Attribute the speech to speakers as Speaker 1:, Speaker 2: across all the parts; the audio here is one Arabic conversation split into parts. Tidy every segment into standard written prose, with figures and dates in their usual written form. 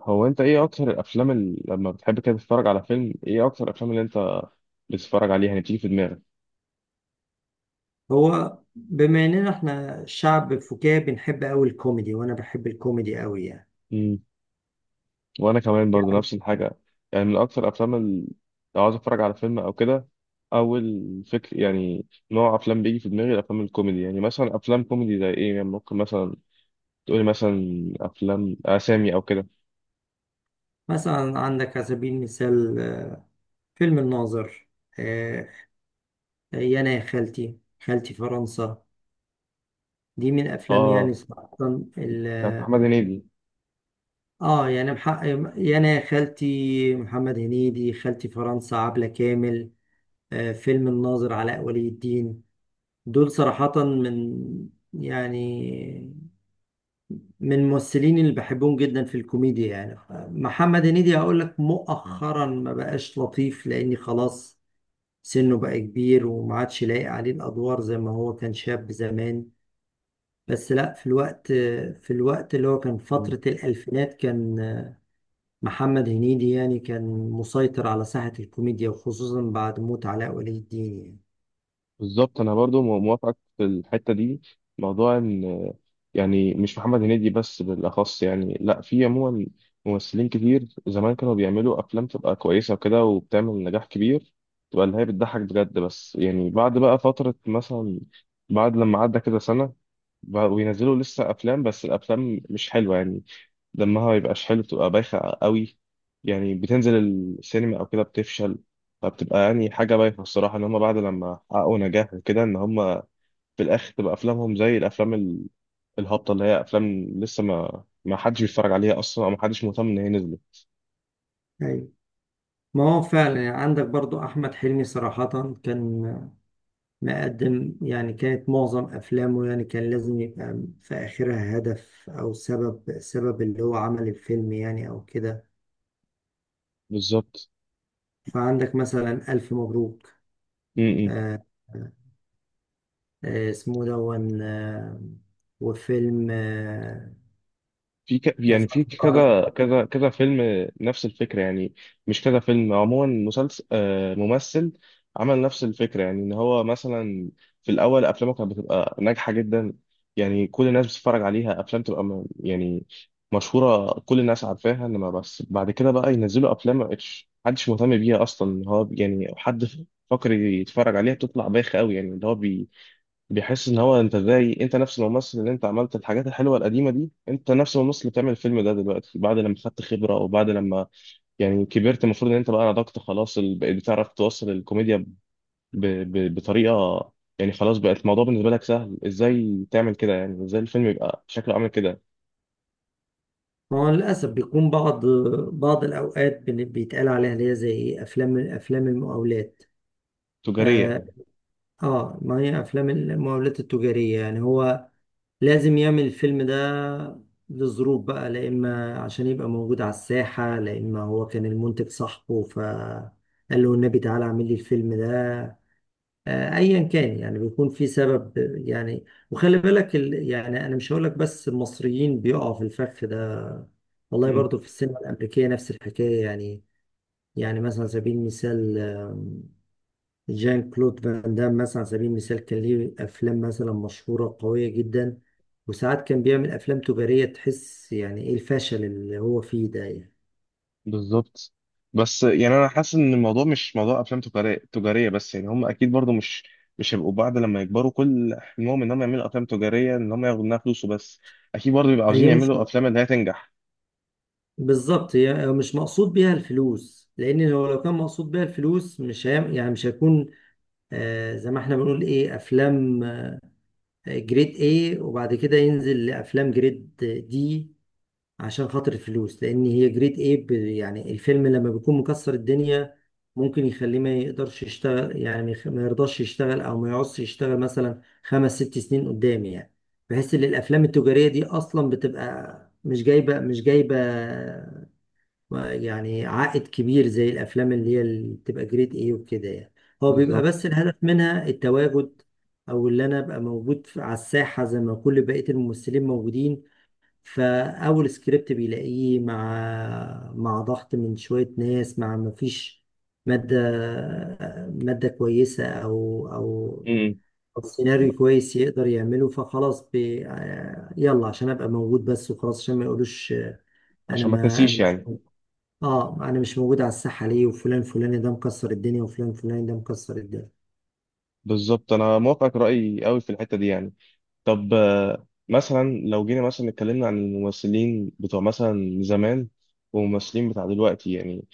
Speaker 1: هو انت ايه اكتر الافلام اللي لما بتحب كده تتفرج على فيلم؟ ايه اكتر الافلام اللي انت بتتفرج عليها يعني بتيجي في دماغك؟
Speaker 2: هو بما اننا احنا شعب فكاهي بنحب قوي الكوميدي، وانا بحب الكوميدي قوي. يعني
Speaker 1: امم وانا كمان برضو نفس الحاجه. يعني من اكتر الافلام اللي لو عاوز اتفرج على فيلم او كده اول فكر يعني نوع افلام بيجي في دماغي الافلام الكوميدي. يعني مثلا افلام كوميدي زي ايه؟ يعني ممكن مثلا تقولي مثلا افلام اسامي او كده.
Speaker 2: مثلا عندك على سبيل المثال، فيلم الناظر، آه، يا انا يا خالتي، خالتي فرنسا. دي من افلامي يعني
Speaker 1: اه،
Speaker 2: صراحة.
Speaker 1: بتاعت محمد
Speaker 2: ال-
Speaker 1: هنيدي.
Speaker 2: اه يعني محقق، يا انا يا خالتي محمد هنيدي، خالتي فرنسا عبلة كامل، فيلم الناظر علاء ولي الدين. دول صراحة من، يعني، من الممثلين اللي بحبهم جدا في الكوميديا يعني. محمد هنيدي هقول لك مؤخرا ما بقاش لطيف لاني خلاص سنه بقى كبير وما عادش لايق عليه الادوار زي ما هو كان شاب زمان. بس لا، في الوقت اللي هو كان فترة الألفينات، كان محمد هنيدي يعني كان مسيطر على ساحة الكوميديا، وخصوصا بعد موت علاء ولي الدين.
Speaker 1: بالظبط، انا برضو موافقك في الحته دي. موضوع ان يعني مش محمد هنيدي بس بالاخص، يعني لا في عموما ممثلين كتير زمان كانوا بيعملوا افلام تبقى كويسه وكده وبتعمل نجاح كبير، تبقى اللي هي بتضحك بجد. بس يعني بعد بقى فتره، مثلا بعد لما عدى كده سنه، بقوا ينزلوا لسه افلام بس الافلام مش حلوه يعني. دمها ما بيبقاش حلو، بتبقى بايخة قوي يعني. بتنزل السينما أو كده بتفشل. فبتبقى يعني حاجة بايخة الصراحة، إن هما بعد لما حققوا نجاح وكده إن هما في الآخر تبقى أفلامهم زي الأفلام الهابطة، اللي هي أفلام لسه ما حدش بيتفرج عليها أصلا أو ما حدش مهتم إن هي نزلت.
Speaker 2: يعني أيوة. ما هو فعلا يعني عندك برضو أحمد حلمي، صراحة كان مقدم، يعني كانت معظم أفلامه يعني كان لازم يبقى في آخرها هدف أو سبب، اللي هو عمل الفيلم يعني أو كده.
Speaker 1: بالظبط.
Speaker 2: فعندك مثلا ألف مبروك،
Speaker 1: م- م.
Speaker 2: آه، اسمه دون، وفيلم،
Speaker 1: في يعني في
Speaker 2: أذكر.
Speaker 1: كذا فيلم نفس الفكرة يعني. مش كذا فيلم، عموما مسلسل آه، ممثل عمل نفس الفكرة، يعني ان هو مثلا في الاول افلامه كانت بتبقى ناجحة جدا. يعني كل الناس بتتفرج عليها، افلام تبقى يعني مشهورة كل الناس عارفاها. انما بس بعد كده بقى ينزلوا افلام ما بقتش، محدش مهتم بيها اصلا إن هو يعني حد فاكر يتفرج عليها. بتطلع بايخة قوي يعني، اللي هو بيحس ان هو انت زي انت نفس الممثل اللي انت عملت الحاجات الحلوه القديمه دي، انت نفس الممثل اللي بتعمل الفيلم ده دلوقتي بعد لما خدت خبره او بعد لما يعني كبرت، المفروض ان انت بقى نضجت خلاص بقيت بتعرف توصل الكوميديا بطريقه. يعني خلاص بقت الموضوع بالنسبه لك سهل، ازاي تعمل كده يعني، ازاي الفيلم يبقى شكله عامل كده.
Speaker 2: هو للأسف بيكون بعض الأوقات بيتقال عليها اللي هي زي إيه، أفلام، أفلام المقاولات.
Speaker 1: تجاريه
Speaker 2: آه,
Speaker 1: يعني.
Speaker 2: ما هي أفلام المقاولات التجارية، يعني هو لازم يعمل الفيلم ده لظروف بقى، لا إما عشان يبقى موجود على الساحة، لا إما هو كان المنتج صاحبه فقال له النبي تعالى اعمل لي الفيلم ده. أيا كان، يعني بيكون في سبب يعني. وخلي بالك يعني أنا مش هقولك بس المصريين بيقعوا في الفخ ده، والله برضو في السينما الأمريكية نفس الحكاية يعني. يعني مثلا على سبيل المثال، جان كلود فان دام مثلا على سبيل المثال كان ليه افلام مثلا مشهوره قويه جدا، وساعات كان بيعمل افلام تجاريه تحس يعني ايه الفشل اللي هو فيه ده يعني.
Speaker 1: بالظبط. بس يعني انا حاسس ان الموضوع مش موضوع افلام تجاريه بس. يعني هم اكيد برضو مش هيبقوا بعد لما يكبروا كل حلمهم ان هم يعملوا افلام تجاريه، ان هم ياخدوا منها فلوس وبس. اكيد برضو بيبقوا عاوزين
Speaker 2: هي مش
Speaker 1: يعملوا افلام اللي هي تنجح.
Speaker 2: بالظبط هي مش مقصود بيها الفلوس، لان هو لو كان مقصود بيها الفلوس مش هيعمل، يعني مش هيكون، آه زي ما احنا بنقول ايه، افلام، جريد ايه، وبعد كده ينزل لافلام جريد دي عشان خاطر الفلوس. لان هي جريد ايه يعني الفيلم لما بيكون مكسر الدنيا ممكن يخليه ما يقدرش يشتغل، يعني ما يرضاش يشتغل او ما يعوزش يشتغل مثلا خمس ست سنين قدام يعني، بحيث ان الافلام التجارية دي اصلا بتبقى مش جايبة يعني عائد كبير زي الافلام اللي هي اللي بتبقى جريد ايه وكده يعني. هو بيبقى بس
Speaker 1: بالظبط.
Speaker 2: الهدف منها التواجد، او اللي انا ابقى موجود على الساحة زي ما كل بقية الممثلين موجودين. فأول سكريبت بيلاقيه مع ضغط من شوية ناس، مع مفيش مادة، كويسة، أو
Speaker 1: امم.
Speaker 2: أو سيناريو كويس يقدر يعمله، فخلاص بي... آه، يلا عشان أبقى موجود بس وخلاص، عشان ما يقولوش، أنا،
Speaker 1: عشان ما
Speaker 2: ما أنا
Speaker 1: تنسيش
Speaker 2: مش
Speaker 1: يعني.
Speaker 2: موجود. آه، أنا مش موجود على الساحة ليه، وفلان فلاني ده مكسر الدنيا، وفلان فلاني ده مكسر الدنيا.
Speaker 1: بالظبط، انا موافقك رايي قوي في الحته دي يعني. طب آه، مثلا لو جينا مثلا اتكلمنا عن الممثلين بتوع مثلا زمان والممثلين بتاع دلوقتي يعني.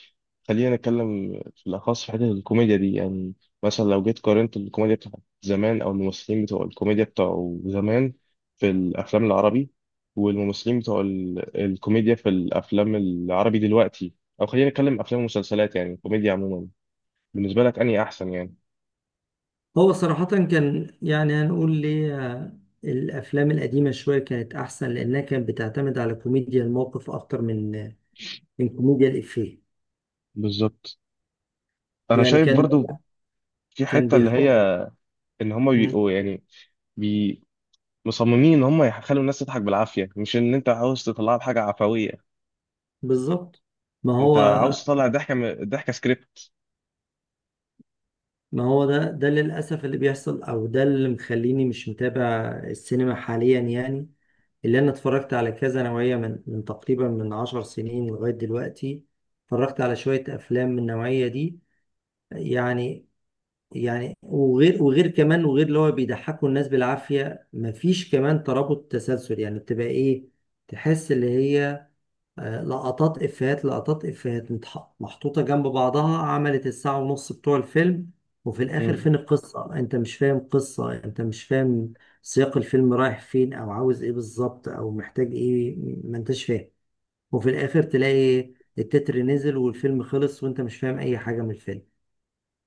Speaker 1: خلينا نتكلم في الأخص في حتة الكوميديا دي يعني. مثلا لو جيت قارنت الكوميديا بتاعت زمان أو الممثلين بتوع الكوميديا بتوع زمان في الأفلام العربي، والممثلين بتوع الكوميديا في الأفلام العربي دلوقتي، أو خلينا نتكلم أفلام ومسلسلات يعني الكوميديا عموما، بالنسبة لك أنهي أحسن يعني؟
Speaker 2: هو صراحة كان، يعني هنقول ليه، الأفلام القديمة شوية كانت أحسن لأنها كانت بتعتمد على كوميديا الموقف أكتر من، من كوميديا الإفيه.
Speaker 1: بالظبط. أنا
Speaker 2: يعني
Speaker 1: شايف
Speaker 2: كان،
Speaker 1: برضو في حتة اللي هي
Speaker 2: بيحط.
Speaker 1: إن هما
Speaker 2: مم،
Speaker 1: بيبقوا يعني بي مصممين ان هم يخلوا الناس تضحك بالعافيه، مش ان انت عاوز تطلعها بحاجه عفويه.
Speaker 2: بالظبط. ما
Speaker 1: انت
Speaker 2: هو
Speaker 1: عاوز تطلع ضحكه ضحكه.
Speaker 2: ما هو ده، ده للأسف اللي بيحصل، أو ده اللي مخليني مش متابع السينما حاليا يعني. اللي أنا اتفرجت على كذا نوعية من تقريبا من 10 سنين لغاية دلوقتي، اتفرجت على شوية أفلام من النوعية دي يعني. يعني وغير كمان، وغير اللي هو بيضحكوا الناس بالعافية، مفيش كمان ترابط، تسلسل، يعني بتبقى ايه، تحس اللي هي، لقطات افيهات، محطوطة جنب بعضها، عملت الساعة ونص بتوع الفيلم. وفي الاخر
Speaker 1: مم.
Speaker 2: فين القصة، انت مش فاهم قصة، انت مش فاهم سياق الفيلم رايح فين، او عاوز ايه بالظبط، او محتاج ايه، ما انتش فاهم. وفي الاخر تلاقي التتر نزل والفيلم خلص، وانت مش فاهم اي حاجة من الفيلم.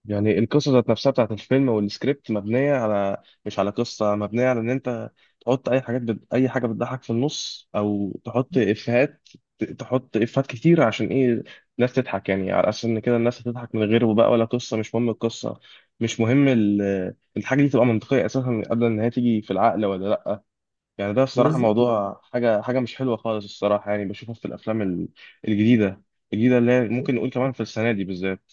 Speaker 1: يعني القصة ذات نفسها بتاعت الفيلم والسكريبت مبنية على، مش على قصة، مبنية على إن أنت تحط أي أي حاجة بتضحك في النص أو تحط إفيهات، تحط إفيهات كتير عشان إيه؟ الناس تضحك، يعني على أساس إن كده الناس هتضحك من غيره بقى، ولا قصة مش مهم القصة، مش مهم الحاجة دي تبقى منطقية أساسا قبل إن هي تيجي في العقل ولا لأ. يعني ده الصراحة
Speaker 2: بالظبط.
Speaker 1: موضوع حاجة، حاجة مش حلوة خالص الصراحة يعني، بشوفها في الأفلام الجديدة. الجديدة اللي هي ممكن نقول كمان في السنة دي بالذات.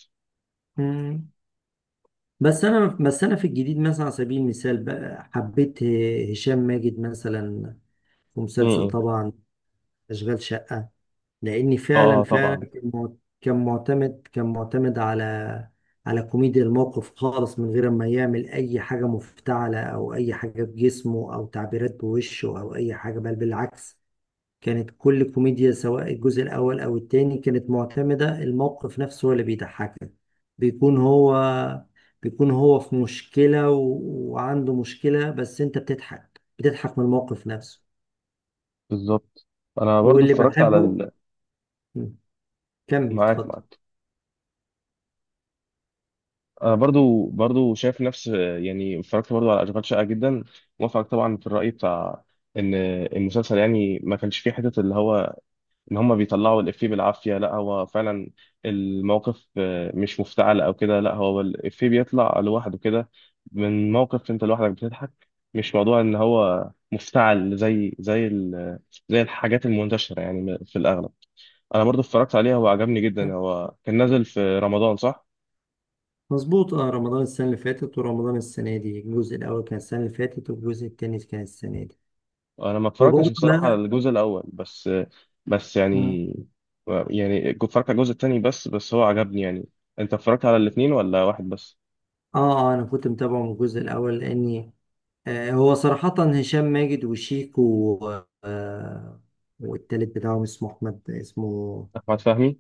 Speaker 2: بس انا في الجديد مثلا على سبيل المثال بقى حبيت هشام ماجد مثلا في مسلسل طبعا اشغال شقة، لاني فعلا،
Speaker 1: اه
Speaker 2: فعلا
Speaker 1: طبعا.
Speaker 2: كان معتمد على، على كوميديا الموقف خالص، من غير ما يعمل اي حاجة مفتعلة او اي حاجة بجسمه او تعبيرات بوشه او اي حاجة، بل بالعكس. كانت كل كوميديا سواء الجزء الأول أو التاني كانت معتمدة الموقف نفسه هو اللي بيضحكك. بيكون هو بيكون هو في مشكلة وعنده مشكلة، بس أنت بتضحك من الموقف نفسه.
Speaker 1: بالظبط، انا برضو
Speaker 2: واللي
Speaker 1: اتفرجت على
Speaker 2: بحبه. م. كمل،
Speaker 1: معاك
Speaker 2: اتفضل.
Speaker 1: معاك. انا برضو شايف نفس، يعني اتفرجت برضو على اشغال شقه جدا. موافقك طبعا في الراي بتاع ان المسلسل يعني ما كانش فيه حته اللي هو ان هم بيطلعوا الافيه بالعافيه، لا هو فعلا الموقف آه، مش مفتعل او كده، لا هو الافيه بيطلع لوحده كده من موقف، انت لوحدك بتضحك. مش موضوع ان هو مفتعل زي زي الحاجات المنتشره يعني في الاغلب. انا برضو اتفرجت عليها وعجبني جدا. هو كان نازل في رمضان صح؟
Speaker 2: مظبوط، اه رمضان السنة اللي فاتت ورمضان السنة دي، الجزء الأول كان السنة اللي فاتت والجزء التاني كان السنة دي.
Speaker 1: انا ما اتفرجتش
Speaker 2: وبرضه
Speaker 1: بصراحه على
Speaker 2: لا.
Speaker 1: الجزء الاول، بس بس
Speaker 2: م.
Speaker 1: يعني يعني اتفرجت على الجزء التاني بس، بس هو عجبني يعني. انت اتفرجت على الاثنين ولا واحد بس؟
Speaker 2: اه اه، أنا كنت متابعه من الجزء الأول لأني، هو صراحة هشام ماجد وشيكو والتالت بتاعهم اسمه أحمد، اسمه،
Speaker 1: احمد فهمي.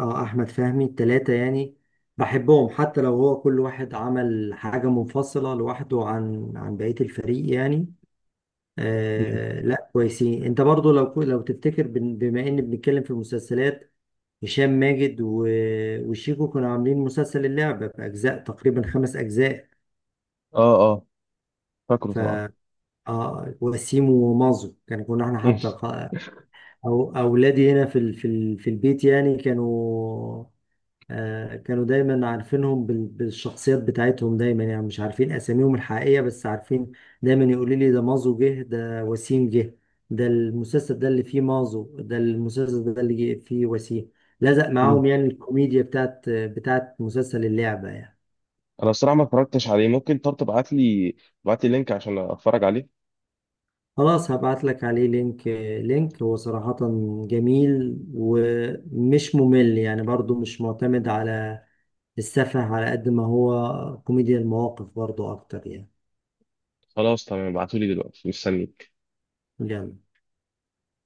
Speaker 2: اه أحمد فهمي. التلاتة يعني بحبهم حتى لو هو كل واحد عمل حاجة منفصلة لوحده عن بقية الفريق يعني.
Speaker 1: مم.
Speaker 2: آه لا كويسين. انت برضو لو تفتكر بما ان بنتكلم في المسلسلات، هشام ماجد وشيكو كانوا عاملين مسلسل اللعبة بأجزاء تقريبا 5 أجزاء.
Speaker 1: اه اه، فاكره
Speaker 2: ف،
Speaker 1: طبعا.
Speaker 2: اه وسيم ومازو كان، كنا احنا
Speaker 1: مم.
Speaker 2: حتى أو أولادي هنا في البيت يعني كانوا، كانوا دايما عارفينهم بالشخصيات بتاعتهم دايما، يعني مش عارفين أساميهم الحقيقية بس عارفين. دايما يقولوا لي ده مازو جه، ده وسيم جه، ده المسلسل ده اللي فيه مازو، ده المسلسل ده اللي جه فيه وسيم. لزق
Speaker 1: مم.
Speaker 2: معاهم يعني الكوميديا بتاعت مسلسل اللعبة يعني.
Speaker 1: انا الصراحه ما اتفرجتش عليه. ممكن طب تبعت لي لينك عشان اتفرج عليه؟
Speaker 2: خلاص هبعت لك عليه لينك، لينك. هو صراحة جميل ومش ممل يعني، برضو مش معتمد على السفه على قد ما هو كوميديا المواقف برضو اكتر يعني.
Speaker 1: خلاص تمام، ابعتولي دلوقتي، مستني.
Speaker 2: يلا